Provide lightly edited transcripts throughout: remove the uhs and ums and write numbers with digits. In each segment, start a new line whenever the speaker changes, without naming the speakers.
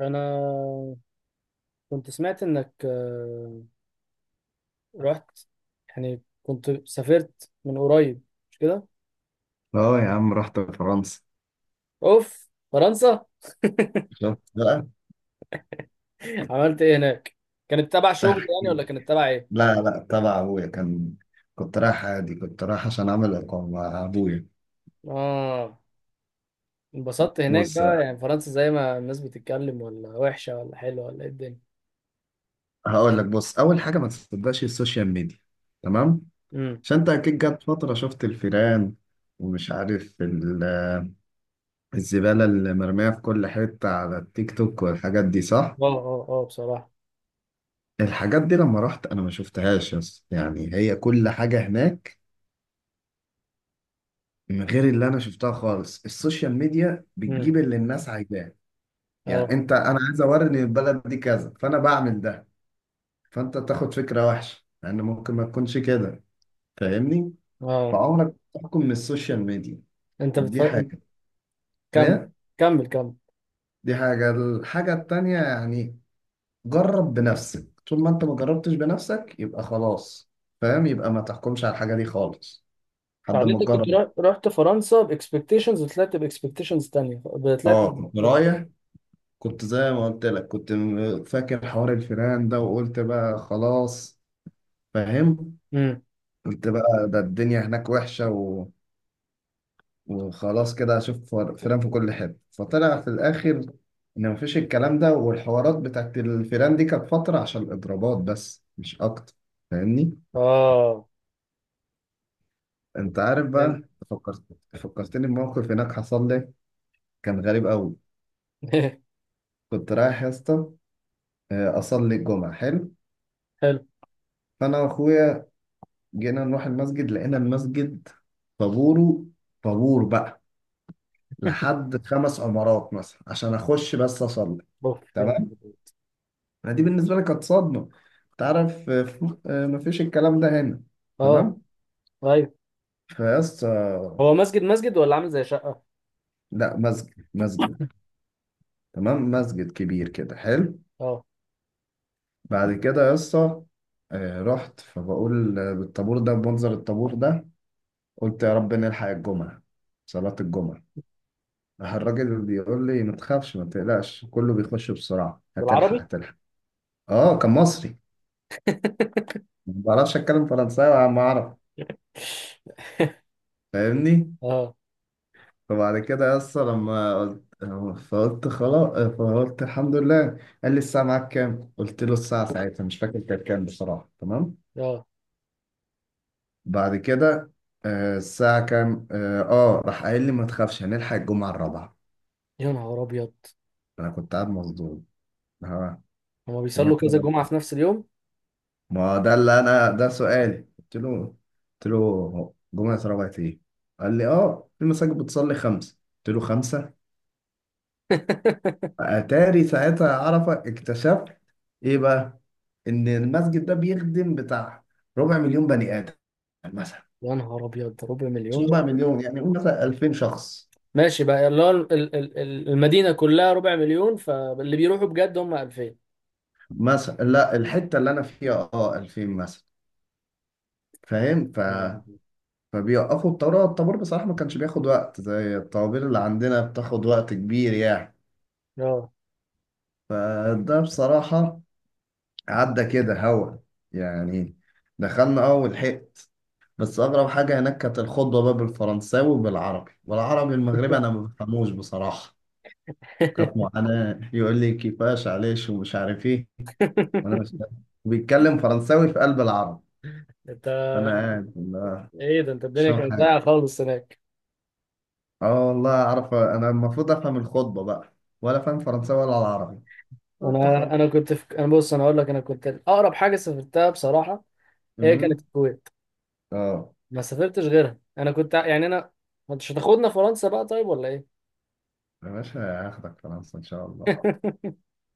انا كنت سمعت انك رحت، يعني كنت سافرت من قريب، مش كده؟
اه يا عم رحت فرنسا.
اوف، فرنسا.
شفت بقى.
عملت ايه هناك؟ كانت تبع شغل
احكي
يعني ولا كانت
لك.
تبع ايه؟
لا تبع ابويا كان. كنت رايح عادي، كنت رايح عشان اعمل اقامه مع ابويا.
اه، انبسطت هناك
بص،
بقى، يعني فرنسا زي ما الناس بتتكلم، ولا وحشة ولا حلوة ولا ايه الدنيا؟
هقول لك. بص، اول حاجه ما تصدقش السوشيال ميديا، تمام؟
امم.
عشان انت اكيد جت فتره شفت الفيران، ومش عارف ال- الزباله اللي مرميه في كل حته على التيك توك والحاجات دي، صح؟
اه اه اه، بصراحة.
الحاجات دي لما رحت انا ما شفتهاش، يس. يعني هي كل حاجه هناك من غير اللي انا شفتها خالص. السوشيال ميديا
امم.
بتجيب اللي الناس عايزاه. يعني
اه
انت، انا عايز اوري ان البلد دي كذا، فانا بعمل ده، فانت تاخد فكره وحشه، لان ممكن ما تكونش كده. فاهمني؟
اه،
فعمرك ما تحكم من السوشيال ميديا.
انت
دي
بتفكر.
حاجه.
كمل
هي
كمل كمل.
دي حاجه الحاجه التانيه، يعني جرب بنفسك. طول ما انت ما جربتش بنفسك يبقى خلاص، فاهم؟ يبقى ما تحكمش على الحاجه دي خالص لحد
يعني
ما
انت كنت
تجرب.
رحت فرنسا باكسبكتيشنز وطلعت باكسبكتيشنز تانية، طلعت.
اه، كنت رايح. كنت زي ما قلت لك، فاكر حوار الفيران ده، وقلت بقى خلاص، فاهم؟
امم.
قلت بقى ده الدنيا هناك وحشة، وخلاص كده هشوف فيران في كل حتة. فطلع في الآخر إن مفيش الكلام ده، والحوارات بتاعت الفيران دي كانت فترة عشان الإضرابات بس، مش أكتر. فاهمني؟
اه،
أنت عارف
فهمت.
بقى. فكرت، فكرتني بموقف هناك حصل لي، كان غريب أوي. كنت رايح يا اسطى، أصلي الجمعة، حلو.
حلو.
فأنا وأخويا جينا نروح المسجد، لقينا المسجد طابوره، طابور بقى، لحد خمس عمارات مثلا، عشان أخش بس أصلي.
اوف، يلا.
تمام؟ ما دي بالنسبة لي كانت صدمة. تعرف مفيش الكلام ده هنا.
اه،
تمام.
ايوه.
فيس آه،
هو مسجد مسجد ولا عامل زي شقه؟
لا، مسجد. تمام، مسجد كبير كده، حلو.
اه،
بعد كده يسا، رحت، فبقول بالطابور ده، بمنظر الطابور ده، قلت يا رب نلحق الجمعة، صلاة الجمعة. راح الراجل بيقول لي ما تخافش، ما تقلقش، كله بيخش بسرعة، هتلحق
بالعربي.
هتلحق. اه، كان مصري. ما بعرفش اتكلم فرنساوي على ما اعرف، فاهمني؟
اه
فبعد كده يا اسطى، لما قلت، فقلت خلاص، فقلت الحمد لله. قال لي الساعة معاك كام؟ قلت له الساعة ساعتها مش فاكر كانت كام بصراحة، تمام؟
اه.
بعد كده، الساعة كام؟ اه، راح قايل لي ما تخافش، هنلحق الجمعة الرابعة.
يا نهار ابيض،
أنا كنت قاعد مصدوم. ها،
هما
جمعة
بيصلوا كذا
الرابعة؟
جمعه في نفس اليوم؟
ما ده اللي أنا ده سؤالي، قلت له، قلت له جمعة الرابعة إيه؟ قال لي اه، في مساجد بتصلي خمسة. قلت له خمسة؟ أتاري ساعتها عرفة، اكتشفت إيه بقى؟ ان المسجد ده بيخدم بتاع ربع مليون بني ادم مثلا.
يا نهار ابيض، ربع
مش
مليون؟
ربع مليون يعني، قول مثلا 2000 شخص.
ماشي بقى، اللي هو المدينه كلها ربع مليون، فاللي بيروحوا بجد هم 2000.
مثلا لا، الحته اللي انا فيها اه 2000 مثلا. فاهم؟ ف فبيوقفوا الطابور. الطابور بصراحه ما كانش بياخد وقت زي الطوابير اللي عندنا بتاخد وقت كبير يعني.
اه.
فده بصراحه عدى كده هوا، يعني دخلنا اه ولحقت. بس اغرب حاجه هناك كانت الخطبه بقى بالفرنساوي وبالعربي، والعربي المغربي انا ما بفهموش بصراحه. كانت معاناة، يقول لي كيفاش عليش ومش عارف ايه، وانا مش فاهم، وبيتكلم فرنساوي في قلب العرب.
انت،
فانا قاعد لا،
ايه ده، انت
مش
الدنيا
فاهم
كانت
حاجة.
ضايعه خالص هناك.
اه والله، اعرف انا المفروض افهم الخطبة بقى، ولا فاهم فرنساوي ولا العربي. قلت خلاص.
انا كنت في، انا بص، انا اقول لك، انا كنت اقرب حاجه سافرتها بصراحه، هي كانت
أمم.
الكويت.
اه
ما سافرتش غيرها، انا كنت يعني انا، ما انتش هتاخدنا فرنسا بقى طيب ولا ايه؟
يا باشا، هاخدك فرنسا ان شاء الله.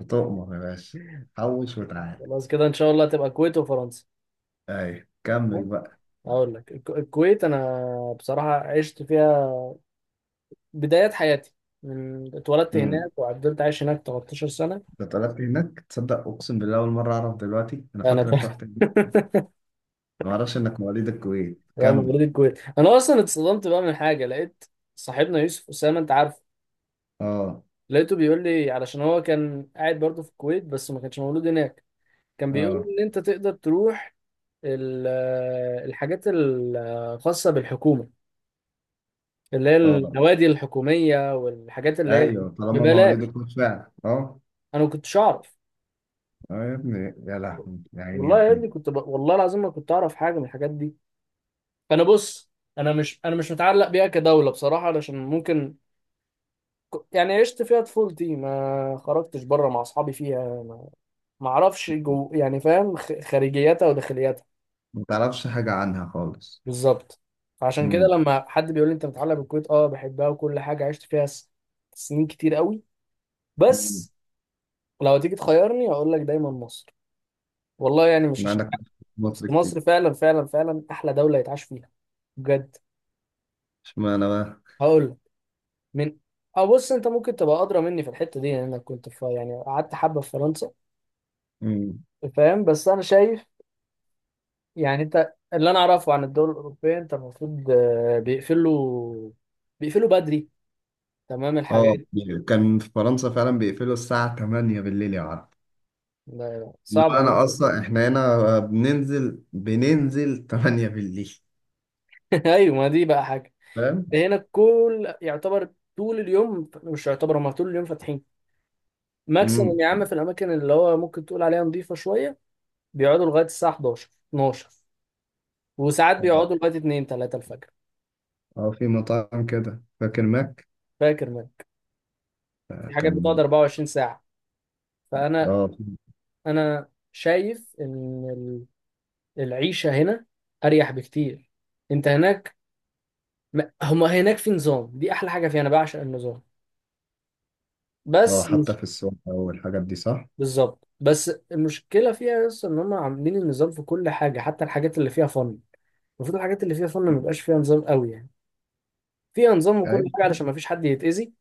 بتؤمر يا باشا، حوش وتعالى.
خلاص كده، ان شاء الله تبقى الكويت وفرنسا.
ايوه، كمل بقى.
اقول لك الكويت، انا بصراحه عشت فيها بدايات حياتي، من اتولدت
امم.
هناك وعدلت عايش هناك 13 سنه.
انت اتولدت هناك؟ تصدق اقسم بالله اول مرة اعرف دلوقتي؟ انا
انا.
فاكرك رحت هناك. ما اعرفش انك مواليد الكويت.
لا، انا
كمل.
مواليد الكويت. انا اصلا اتصدمت بقى من حاجه لقيت، صاحبنا يوسف اسامه، انت عارف،
اه
لقيته بيقول لي، علشان هو كان قاعد برضه في الكويت بس ما كانش مولود هناك، كان بيقول لي
اه
ان انت تقدر تروح ال- الحاجات الخاصة بالحكومة، اللي هي
اه
النوادي الحكومية والحاجات اللي هي
ايوه، طالما
ببلاش.
مواليد فعلا، اه.
انا ما كنتش اعرف.
اه يا ابني، يا لهوي، يا عيني يا
والله يا
ابني.
ابني كنت والله العظيم ما كنت اعرف حاجه من الحاجات دي. فانا بص، انا مش متعلق بيها كدوله بصراحه، علشان ممكن يعني عشت فيها طفولتي، ما خرجتش بره مع اصحابي فيها، ما اعرفش يعني فاهم، خارجياتها وداخلياتها.
ما تعرفش حاجه عنها خالص.
بالظبط. فعشان كده،
امم.
لما حد بيقول لي انت متعلق بالكويت، اه، بحبها وكل حاجه، عشت فيها سنين كتير قوي،
أمم.
بس لو تيجي تخيرني هقول لك دايما مصر. والله يعني مش
ما
عشان
عندك
حاجة، بس
مصر كتير.
مصر فعلا فعلا فعلا احلى دوله يتعاش فيها بجد.
اشمعنى بقى؟
هقول لك، من، اه بص، انت ممكن تبقى ادرى مني في الحته دي، لانك كنت في، يعني قعدت حبه في فرنسا.
امم.
فاهم، بس انا شايف، يعني انت، اللي انا اعرفه عن الدول الاوروبيه، انت المفروض بيقفلوا بدري، تمام
اه،
الحاجات.
كان في فرنسا فعلا بيقفلوا الساعه 8 بالليل، يا عرب.
ده
اللي
صعب.
هو انا اصلا، احنا هنا بننزل 8 بالليل،
ايوه، ما دي بقى حاجه.
فاهم؟
هنا كل، يعتبر طول اليوم، مش يعتبر، هم طول اليوم فاتحين.
امم.
ماكسيموم يا عم في الاماكن اللي هو ممكن تقول عليها نظيفه شويه، بيقعدوا لغايه الساعه 11 12، وساعات بيقعدوا لغايه 2 3 الفجر.
اه، في مطاعم كده، فاكر ماك،
فاكر منك. في حاجات بتقعد
كان.
24 ساعه. فانا
اه،
انا شايف ان ال- العيشه هنا اريح بكتير. انت هناك، هم هناك في نظام، دي احلى حاجه فيها، انا بعشق النظام،
اه
بس
حتى
مش،
في السوق والحاجات دي، صح؟
بالظبط. بس المشكله فيها بس ان هم عاملين النظام في كل حاجه، حتى الحاجات اللي فيها فن. المفروض الحاجات اللي فيها فن ما يبقاش فيها نظام قوي يعني، فيها نظام وكل
ايوه.
حاجه علشان ما فيش حد يتاذي.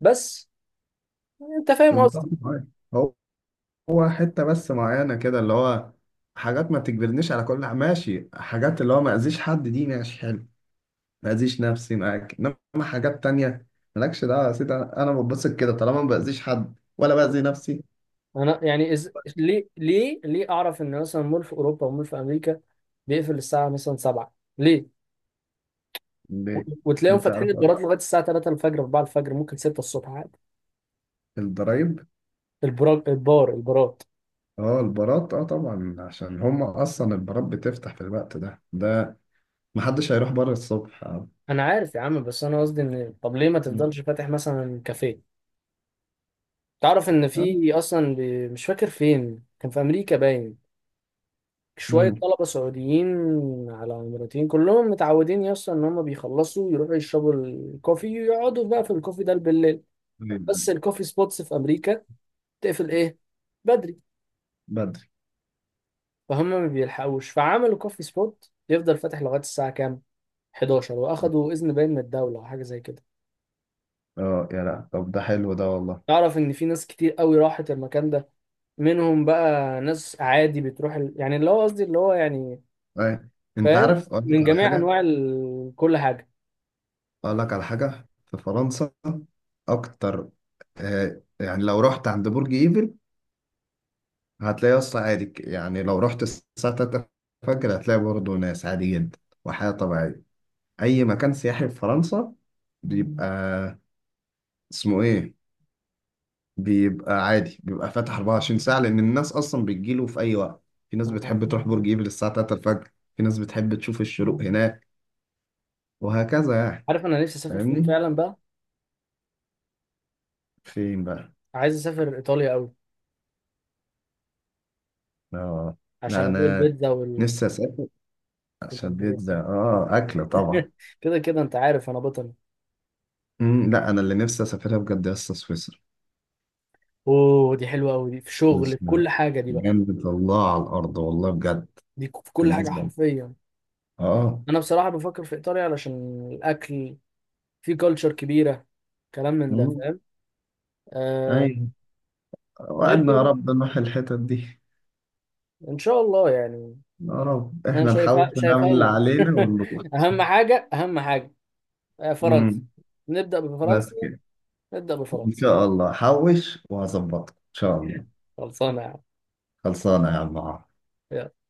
بس انت فاهم
كنت
قصدي؟
طبعاً. هو حتة بس معينة كده، اللي هو حاجات ما تجبرنيش على كل ماشي. حاجات اللي هو ما أذيش حد دي ماشي، حلو. ما أذيش نفسي معاك، إنما حاجات تانية، مالكش دعوة يا سيدي. أنا بتبسط كده طالما ما بأذيش حد ولا بأذي نفسي.
انا يعني ليه ليه ليه اعرف ان مثلا مول في اوروبا، ومول في امريكا بيقفل الساعه مثلا 7 ليه؟ و-
ليه؟ دي
وتلاقيهم فاتحين
تعرف
البارات لغايه الساعه 3 الفجر، 4 الفجر، ممكن 6 الصبح عادي.
الضرايب.
البراج البار البارات.
اه البارات، اه طبعا، عشان هما أصلا البارات بتفتح في الوقت ده. ده محدش هيروح بره الصبح، اه.
انا عارف يا عم، بس انا قصدي ان طب ليه ما
مم.
تفضلش فاتح مثلا كافيه؟ تعرف ان
آه.
في اصلا مش فاكر فين، كان في امريكا باين، شويه
مم.
طلبه سعوديين على اماراتيين، كلهم متعودين يا اسطى ان هم بيخلصوا يروحوا يشربوا الكوفي ويقعدوا بقى في الكوفي ده بالليل.
طيب،
بس الكوفي سبوتس في امريكا تقفل ايه؟ بدري.
بدري.
فهم ما بيلحقوش، فعملوا كوفي سبوت يفضل فاتح لغايه الساعه كام؟ 11. واخدوا اذن باين من الدوله او حاجه زي كده.
اه يا لا، طب ده حلو ده، والله.
تعرف ان في ناس كتير قوي راحت المكان ده، منهم بقى ناس عادي بتروح يعني اللي هو قصدي اللي هو يعني،
أي. انت
فاهم،
عارف اقول لك
من
على
جميع
حاجه؟
انواع كل حاجه.
أقول لك على حاجة في فرنسا أكتر. يعني لو رحت عند برج إيفل، هتلاقي أصلا عادي، يعني لو رحت الساعة 3 الفجر هتلاقي برضه ناس عادي جدا وحياة طبيعية. أي مكان سياحي في فرنسا بيبقى اسمه إيه، بيبقى عادي، بيبقى فاتح 24 ساعة، لأن الناس أصلا بتجيله في أي وقت. في ناس
آه.
بتحب تروح برج إيفل الساعة 3 الفجر، في ناس بتحب تشوف الشروق هناك، وهكذا يعني.
عارف انا نفسي اسافر فين
فاهمني.
فعلا بقى؟
فين بقى؟
عايز اسافر ايطاليا قوي،
آه.
عشان
لا
ادوق
أنا
البيتزا
نفسي أسافر شديد
والباجيت.
ده، اه، اكل طبعا.
كده كده انت عارف، انا بطل.
مم. لا، انا اللي نفسي اسافرها بجد يا اسطى سويسرا.
اوه، دي حلوه قوي، دي في شغل، في كل
سويسرا
حاجه دي بقى،
جنة الله على الارض، والله بجد،
دي في كل حاجه
بالنسبه لي.
حرفيا.
اه.
انا بصراحه بفكر في ايطاليا علشان الاكل، في كلتشر كبيره، كلام من ده،
مم.
فاهم. آه.
ايوه.
غير
وعدنا يا
كده،
رب نروح الحتت دي.
ان شاء الله يعني.
يا رب
انا
احنا
شايفها
نحاول نعمل
شايفها
اللي
لنا.
علينا ونروح.
اهم حاجه اهم حاجه. فرنسا،
مم.
نبدأ
بس
بفرنسا،
كده.
نبدأ
ان
بفرنسا.
شاء الله، حوش وهظبطك ان شاء الله.
خلصانة يا عم.
خلصانه يا عم عمرو.
يلا.